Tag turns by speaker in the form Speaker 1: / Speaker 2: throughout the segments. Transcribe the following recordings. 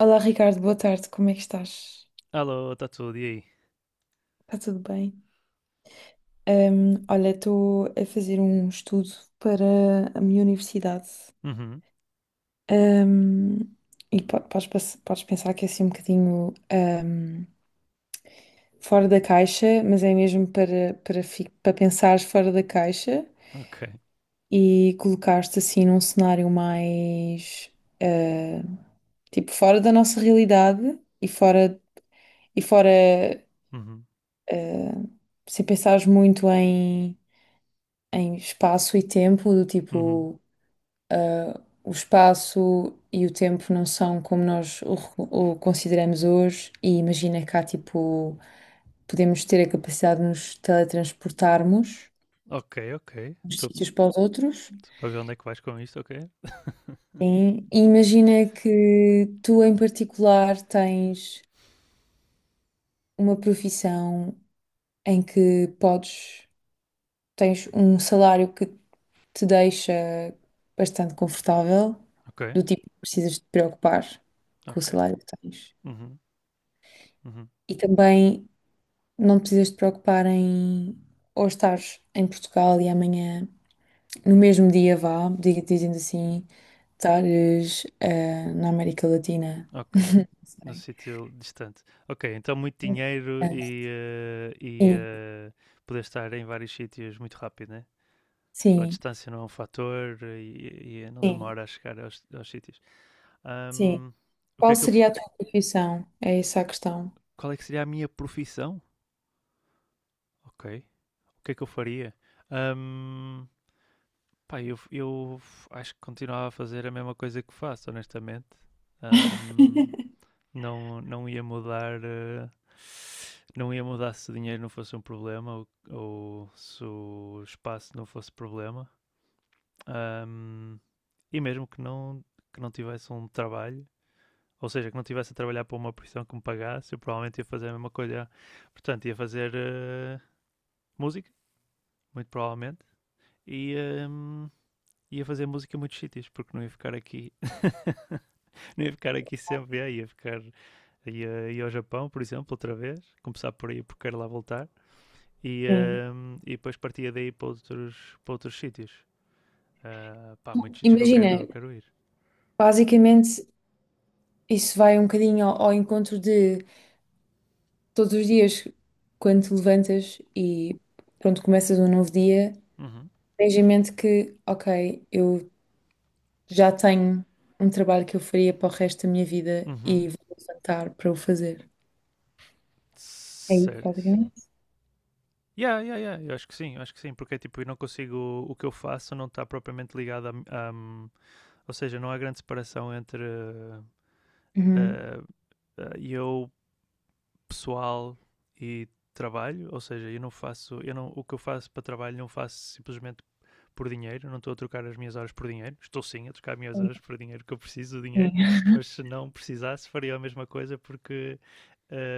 Speaker 1: Olá Ricardo, boa tarde, como é que estás?
Speaker 2: Alô, está tudo, e aí?
Speaker 1: Está tudo bem? Olha, estou a fazer um estudo para a minha universidade.
Speaker 2: Uhum,
Speaker 1: Hum, e podes pensar que é assim um bocadinho fora da caixa, mas é mesmo para pensares fora da caixa
Speaker 2: ok.
Speaker 1: e colocar-te assim num cenário mais ah, tipo fora da nossa realidade e fora
Speaker 2: Uhum,
Speaker 1: ah, sem pensares muito em espaço e tempo, do
Speaker 2: uhum.
Speaker 1: tipo, ah, o espaço e o tempo não são como o consideramos hoje, e imagina cá, tipo, podemos ter a capacidade de nos teletransportarmos
Speaker 2: Ok, ok.
Speaker 1: dos
Speaker 2: Estou
Speaker 1: sítios para os outros.
Speaker 2: para ver onde é que vais com isto, ok?
Speaker 1: Sim. E imagina que tu, em particular, tens uma profissão em que podes, tens um salário que te deixa bastante confortável,
Speaker 2: Ok,
Speaker 1: do tipo que precisas te preocupar com o
Speaker 2: ok.
Speaker 1: salário que tens.
Speaker 2: Uhum, uhum.
Speaker 1: E também não te precisas te preocupar em ou estares em Portugal e amanhã, no mesmo dia vá, dizendo assim, estares na América Latina.
Speaker 2: Ok.
Speaker 1: Não
Speaker 2: Num
Speaker 1: sei.
Speaker 2: sítio distante. Ok, então muito dinheiro
Speaker 1: Ah,
Speaker 2: e, e
Speaker 1: Sim,
Speaker 2: eh, poder estar em vários sítios muito rápido, né? A
Speaker 1: sim,
Speaker 2: distância não é um fator e não
Speaker 1: sim,
Speaker 2: demora a chegar aos, aos sítios.
Speaker 1: sim.
Speaker 2: Ahm, o que
Speaker 1: Qual
Speaker 2: é que eu,
Speaker 1: seria a tua profissão? É essa a questão.
Speaker 2: qual é que seria a minha profissão? Ok. O que é que eu faria? Pá, eu acho que continuava a fazer a mesma coisa que faço, honestamente. Ahm, não ia mudar, não ia mudar se o dinheiro não fosse um problema ou se o espaço não fosse problema. Ahm, e mesmo que não tivesse um trabalho, ou seja, que não tivesse a trabalhar para uma profissão que me pagasse, eu provavelmente ia fazer a mesma coisa. Portanto, ia fazer música, muito provavelmente, e ia fazer música em muitos sítios, porque não ia ficar aqui sempre, ia ao Japão, por exemplo, outra vez, começar por aí porque quero lá voltar e,
Speaker 1: Sim.
Speaker 2: e depois partia daí para outros sítios. Ah, pá, muitos sítios que eu
Speaker 1: Imagina,
Speaker 2: quero, quero ir.
Speaker 1: basicamente. Isso vai um bocadinho ao, ao encontro de todos os dias, quando te levantas e pronto, começas um novo dia,
Speaker 2: Uhum.
Speaker 1: tens em mente que, ok, eu já tenho um trabalho que eu faria para o resto da minha vida
Speaker 2: Uhum.
Speaker 1: e vou levantar para o fazer. É isso,
Speaker 2: Certo.
Speaker 1: basicamente.
Speaker 2: Yeah, yeah, yeah. Eu acho que sim, eu acho que sim, porque é tipo, eu não consigo. O que eu faço não está propriamente ligado a, a- hum, ou seja, não há grande separação entre.
Speaker 1: Uhum.
Speaker 2: eh, eu pessoal e trabalho, ou seja, eu não faço, eu não, o que eu faço para trabalho não faço simplesmente por dinheiro, não estou a trocar as minhas horas por dinheiro, estou sim a trocar as minhas horas por dinheiro, porque eu preciso do
Speaker 1: Sim,
Speaker 2: dinheiro, mas se não precisasse faria a mesma coisa porque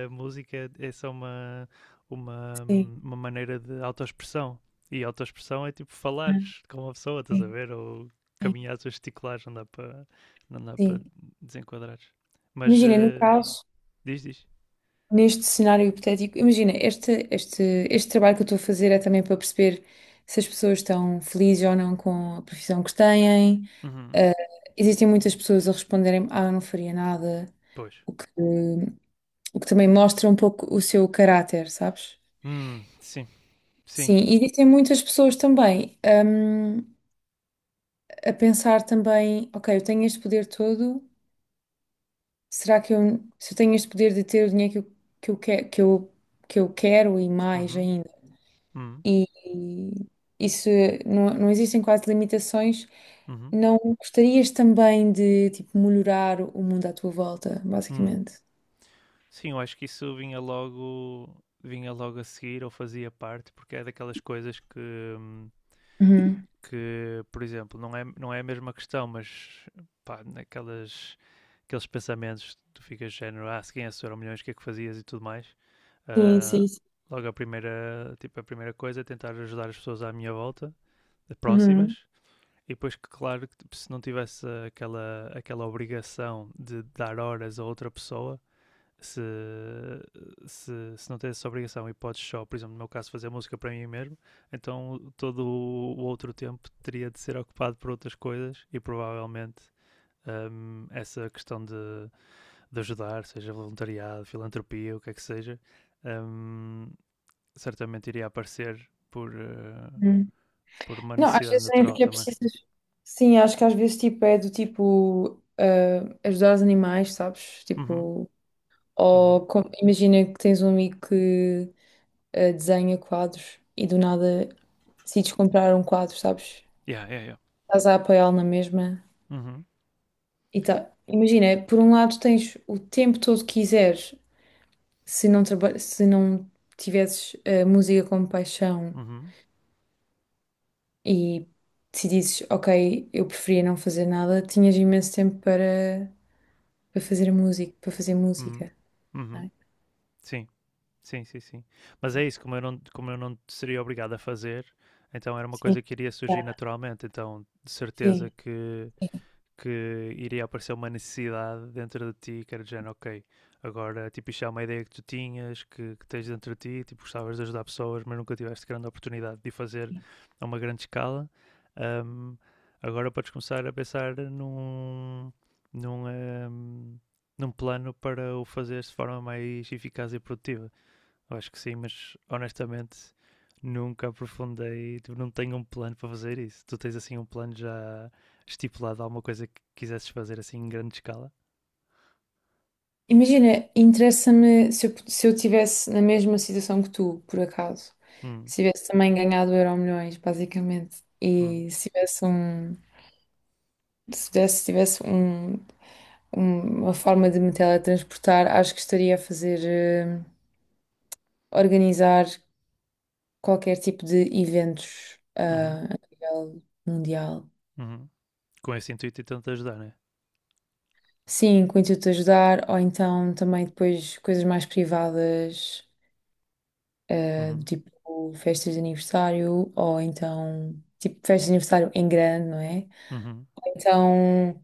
Speaker 2: a música é só
Speaker 1: sim,
Speaker 2: uma maneira de autoexpressão. E autoexpressão é tipo falares com uma pessoa, estás a
Speaker 1: sim,
Speaker 2: ver? Ou
Speaker 1: sim.
Speaker 2: caminhares ou gesticulares, não dá para não dá para
Speaker 1: Sim.
Speaker 2: desenquadrares. Mas
Speaker 1: Imagina, no caso.
Speaker 2: diz, diz.
Speaker 1: Neste cenário hipotético, imagina, este trabalho que eu estou a fazer é também para perceber se as pessoas estão felizes ou não com a profissão que têm.
Speaker 2: Uhum,
Speaker 1: Ah, existem muitas pessoas a responderem, ah, eu não faria nada,
Speaker 2: pois.
Speaker 1: o que, o que também mostra um pouco o seu caráter, sabes?
Speaker 2: Sim, sim.
Speaker 1: Sim, e existem muitas pessoas também, a pensar também, ok, eu tenho este poder todo, será que eu, se eu tenho este poder de ter o dinheiro que eu, que eu, que que eu, que eu quero e mais
Speaker 2: Uhum,
Speaker 1: ainda?
Speaker 2: uhum,
Speaker 1: E isso não, não existem quase limitações.
Speaker 2: uhum,
Speaker 1: Não gostarias também de tipo, melhorar o mundo à tua volta,
Speaker 2: hum.
Speaker 1: basicamente?
Speaker 2: Sim, eu acho que isso vinha logo a seguir ou fazia parte, porque é daquelas coisas hum,
Speaker 1: Uhum.
Speaker 2: que, por exemplo, não é, não é a mesma questão, mas pá, naquelas, aqueles pensamentos tu ficas de género, ah, se ganhasse milhões, o que é que fazias e tudo mais.
Speaker 1: Sim,
Speaker 2: Ah,
Speaker 1: sim, sim.
Speaker 2: logo a primeira, tipo, a primeira coisa é tentar ajudar as pessoas à minha volta,
Speaker 1: Uhum,
Speaker 2: próximas. E depois, que, claro, tipo, se não tivesse aquela, aquela obrigação de dar horas a outra pessoa, se, se, se não tivesse essa obrigação e podes só, por exemplo, no meu caso, fazer música para mim mesmo, então todo o outro tempo teria de ser ocupado por outras coisas e provavelmente essa questão de ajudar, seja voluntariado, filantropia, o que é que seja, hum, certamente iria aparecer
Speaker 1: uhum.
Speaker 2: por uma
Speaker 1: Não, às
Speaker 2: necessidade
Speaker 1: vezes nem
Speaker 2: natural
Speaker 1: sequer
Speaker 2: também.
Speaker 1: precisas. Sim, acho que às vezes tipo, é do tipo ah, ajudar os animais, sabes?
Speaker 2: Uhum,
Speaker 1: Tipo,
Speaker 2: uhum.
Speaker 1: imagina que tens um amigo que ah, desenha quadros e do nada decides comprar um quadro, sabes?
Speaker 2: Yeah, yeah, yeah.
Speaker 1: Estás a apoiá-lo na mesma.
Speaker 2: Uhum,
Speaker 1: E tá, imagina, por um lado tens o tempo todo que quiseres, se se não tivesses a música como paixão
Speaker 2: uhum,
Speaker 1: e decidisses, ok, eu preferia não fazer nada, tinhas imenso tempo para fazer a música, para fazer
Speaker 2: uhum,
Speaker 1: música. Não
Speaker 2: uhum.
Speaker 1: é?
Speaker 2: Sim, sim, sim, sim. Mas é isso, como eu não seria obrigado a fazer, então era uma
Speaker 1: Sim,
Speaker 2: coisa que iria surgir
Speaker 1: tá.
Speaker 2: naturalmente. Então, de certeza
Speaker 1: Sim.
Speaker 2: que iria aparecer uma necessidade dentro de ti que era de género, ok, agora tipo isto é uma ideia que tu tinhas, que tens dentro de ti, tipo gostavas de ajudar pessoas, mas nunca tiveste grande oportunidade de fazer a uma grande escala. Um, agora podes começar a pensar num, um, num plano para o fazer de forma mais eficaz e produtiva. Eu acho que sim, mas honestamente nunca aprofundei, tipo, não tenho um plano para fazer isso. Tu tens assim um plano já estipulado, alguma coisa que quisesses fazer assim em grande escala?
Speaker 1: Imagina, interessa-me se eu tivesse na mesma situação que tu, por acaso,
Speaker 2: Hum,
Speaker 1: se tivesse também ganhado Euro milhões basicamente,
Speaker 2: hum,
Speaker 1: e se tivesse um, se tivesse um uma forma de me teletransportar, acho que estaria a fazer, organizar qualquer tipo de eventos,
Speaker 2: uhum,
Speaker 1: ah, a nível mundial.
Speaker 2: uhum. Com esse intuito e tanto ajudar, né?
Speaker 1: Sim, com o intuito de ajudar, ou então também depois coisas mais privadas, do
Speaker 2: Uhum,
Speaker 1: tipo festas de aniversário, ou então tipo festas de aniversário em grande, não é?
Speaker 2: uhum,
Speaker 1: Então,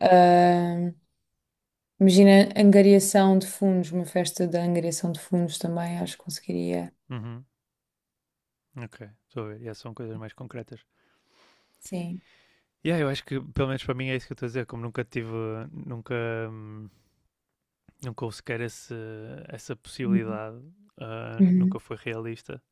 Speaker 1: ah, imagina angariação de fundos, uma festa da angariação de fundos também, acho que conseguiria.
Speaker 2: uhum. Ok, estou a ver. Yeah, são coisas mais concretas.
Speaker 1: Sim.
Speaker 2: Yeah, eu acho que pelo menos para mim é isso que eu estou a dizer. Como nunca tive, nunca, hum, nunca houve sequer esse, essa possibilidade, ah, nunca
Speaker 1: Uhum.
Speaker 2: foi realista,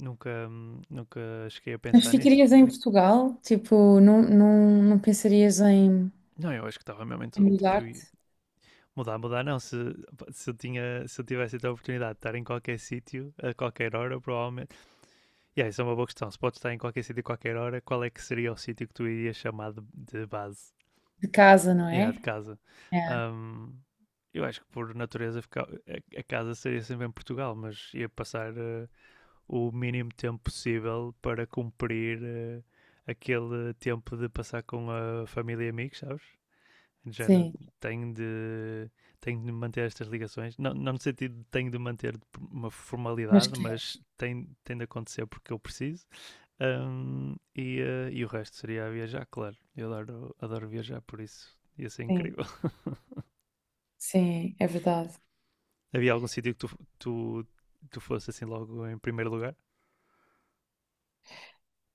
Speaker 2: nunca, nunca cheguei a
Speaker 1: Mas
Speaker 2: pensar nisso.
Speaker 1: ficarias em Portugal? Tipo, não, não, não pensarias em
Speaker 2: Não, eu acho que estava mesmo em
Speaker 1: em
Speaker 2: tudo, tipo,
Speaker 1: mudar-te
Speaker 2: mudar, mudar não, se, eu tinha, se eu tivesse a oportunidade de estar em qualquer sítio, a qualquer hora, provavelmente, e yeah, isso é uma boa questão, se podes estar em qualquer sítio, a qualquer hora, qual é que seria o sítio que tu irias chamar de base,
Speaker 1: de casa, não
Speaker 2: yeah, de
Speaker 1: é?
Speaker 2: casa?
Speaker 1: É,
Speaker 2: Um, eu acho que por natureza a casa seria sempre em Portugal, mas ia passar o mínimo tempo possível para cumprir aquele tempo de passar com a família e amigos, sabes? De género,
Speaker 1: sim.
Speaker 2: tenho de, tenho de manter estas ligações. Não, não no sentido de tenho de manter uma
Speaker 1: Mas
Speaker 2: formalidade,
Speaker 1: queres?
Speaker 2: mas tem, tem de acontecer porque eu preciso. E o resto seria viajar, claro. Eu adoro, adoro viajar, por isso ia ser
Speaker 1: Sim,
Speaker 2: incrível.
Speaker 1: sim, é verdade.
Speaker 2: Havia algum sítio que tu, tu fosse assim logo em primeiro lugar?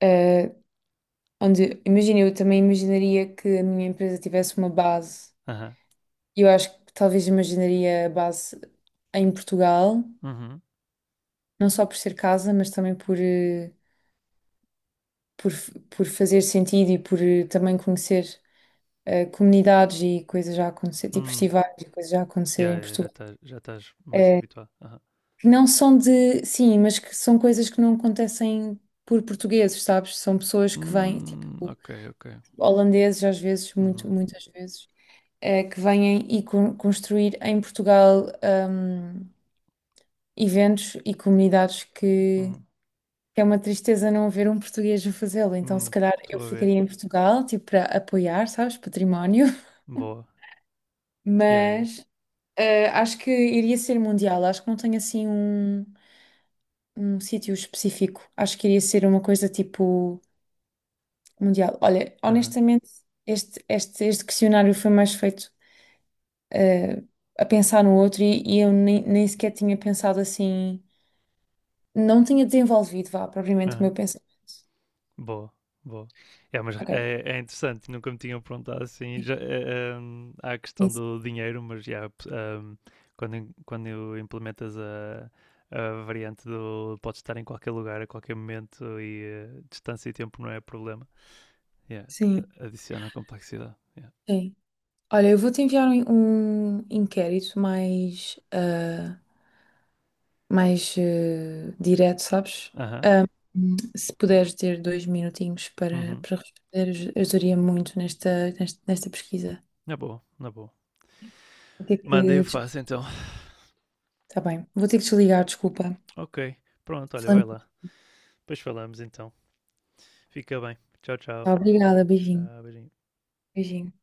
Speaker 1: Eh, onde, imagina, eu também imaginaria que a minha empresa tivesse uma base.
Speaker 2: Aham.
Speaker 1: Eu acho que talvez imaginaria a base em Portugal,
Speaker 2: Uhum.
Speaker 1: não só por ser casa, mas também por fazer sentido e por também conhecer comunidades e coisas já a acontecer, tipo
Speaker 2: Hum.
Speaker 1: festivais e coisas já
Speaker 2: Yeah,
Speaker 1: acontecerem em
Speaker 2: yeah, já
Speaker 1: Portugal.
Speaker 2: estás mais
Speaker 1: Eh,
Speaker 2: habituado. Aham.
Speaker 1: que não são de, sim, mas que são coisas que não acontecem por portugueses, sabes? São pessoas que vêm, tipo,
Speaker 2: Ok, ok.
Speaker 1: holandeses às vezes,
Speaker 2: Uhum.
Speaker 1: muitas vezes, eh, que vêm e construir em Portugal, hum, eventos e comunidades
Speaker 2: Uhum.
Speaker 1: que é uma tristeza não haver um português a fazê-lo. Então, se
Speaker 2: Hum,
Speaker 1: calhar eu
Speaker 2: estou a ver.
Speaker 1: ficaria em Portugal, tipo, para apoiar, sabes? Património,
Speaker 2: Boa. Yeah, yeah,
Speaker 1: mas eh, acho que iria ser mundial, acho que não tenho assim um. Um sítio específico. Acho que iria ser uma coisa tipo mundial. Olha,
Speaker 2: aham,
Speaker 1: honestamente, este questionário foi mais feito eh, a pensar no outro e eu nem, nem sequer tinha pensado assim, não tinha desenvolvido, vá, propriamente o meu
Speaker 2: aham.
Speaker 1: pensamento.
Speaker 2: Boa, boa. É, mas
Speaker 1: Ok,
Speaker 2: é, é interessante, nunca me tinham perguntado assim. Já, há a questão
Speaker 1: nisso.
Speaker 2: do dinheiro, mas já, quando, quando implementas a variante do podes estar em qualquer lugar, a qualquer momento e distância e tempo não é problema. Yeah,
Speaker 1: Sim.
Speaker 2: adiciona complexidade. Yeah.
Speaker 1: Sim. Olha, eu vou-te enviar um, um inquérito mais, ah, mais direto, sabes?
Speaker 2: Aham,
Speaker 1: Se puderes ter 2 minutinhos
Speaker 2: uhum.
Speaker 1: para responder, ajudaria muito nesta pesquisa.
Speaker 2: Na boa, na boa.
Speaker 1: Vou ter
Speaker 2: Manda e eu
Speaker 1: que. Des-
Speaker 2: faço então.
Speaker 1: Tá bem, vou ter que desligar, desculpa.
Speaker 2: Ok, pronto, olha, vai
Speaker 1: Falamos.
Speaker 2: lá. Depois falamos então. Fica bem. Tchau, tchau.
Speaker 1: Tá, obrigada, beijinho.
Speaker 2: Tchau, beijinho.
Speaker 1: Beijinho.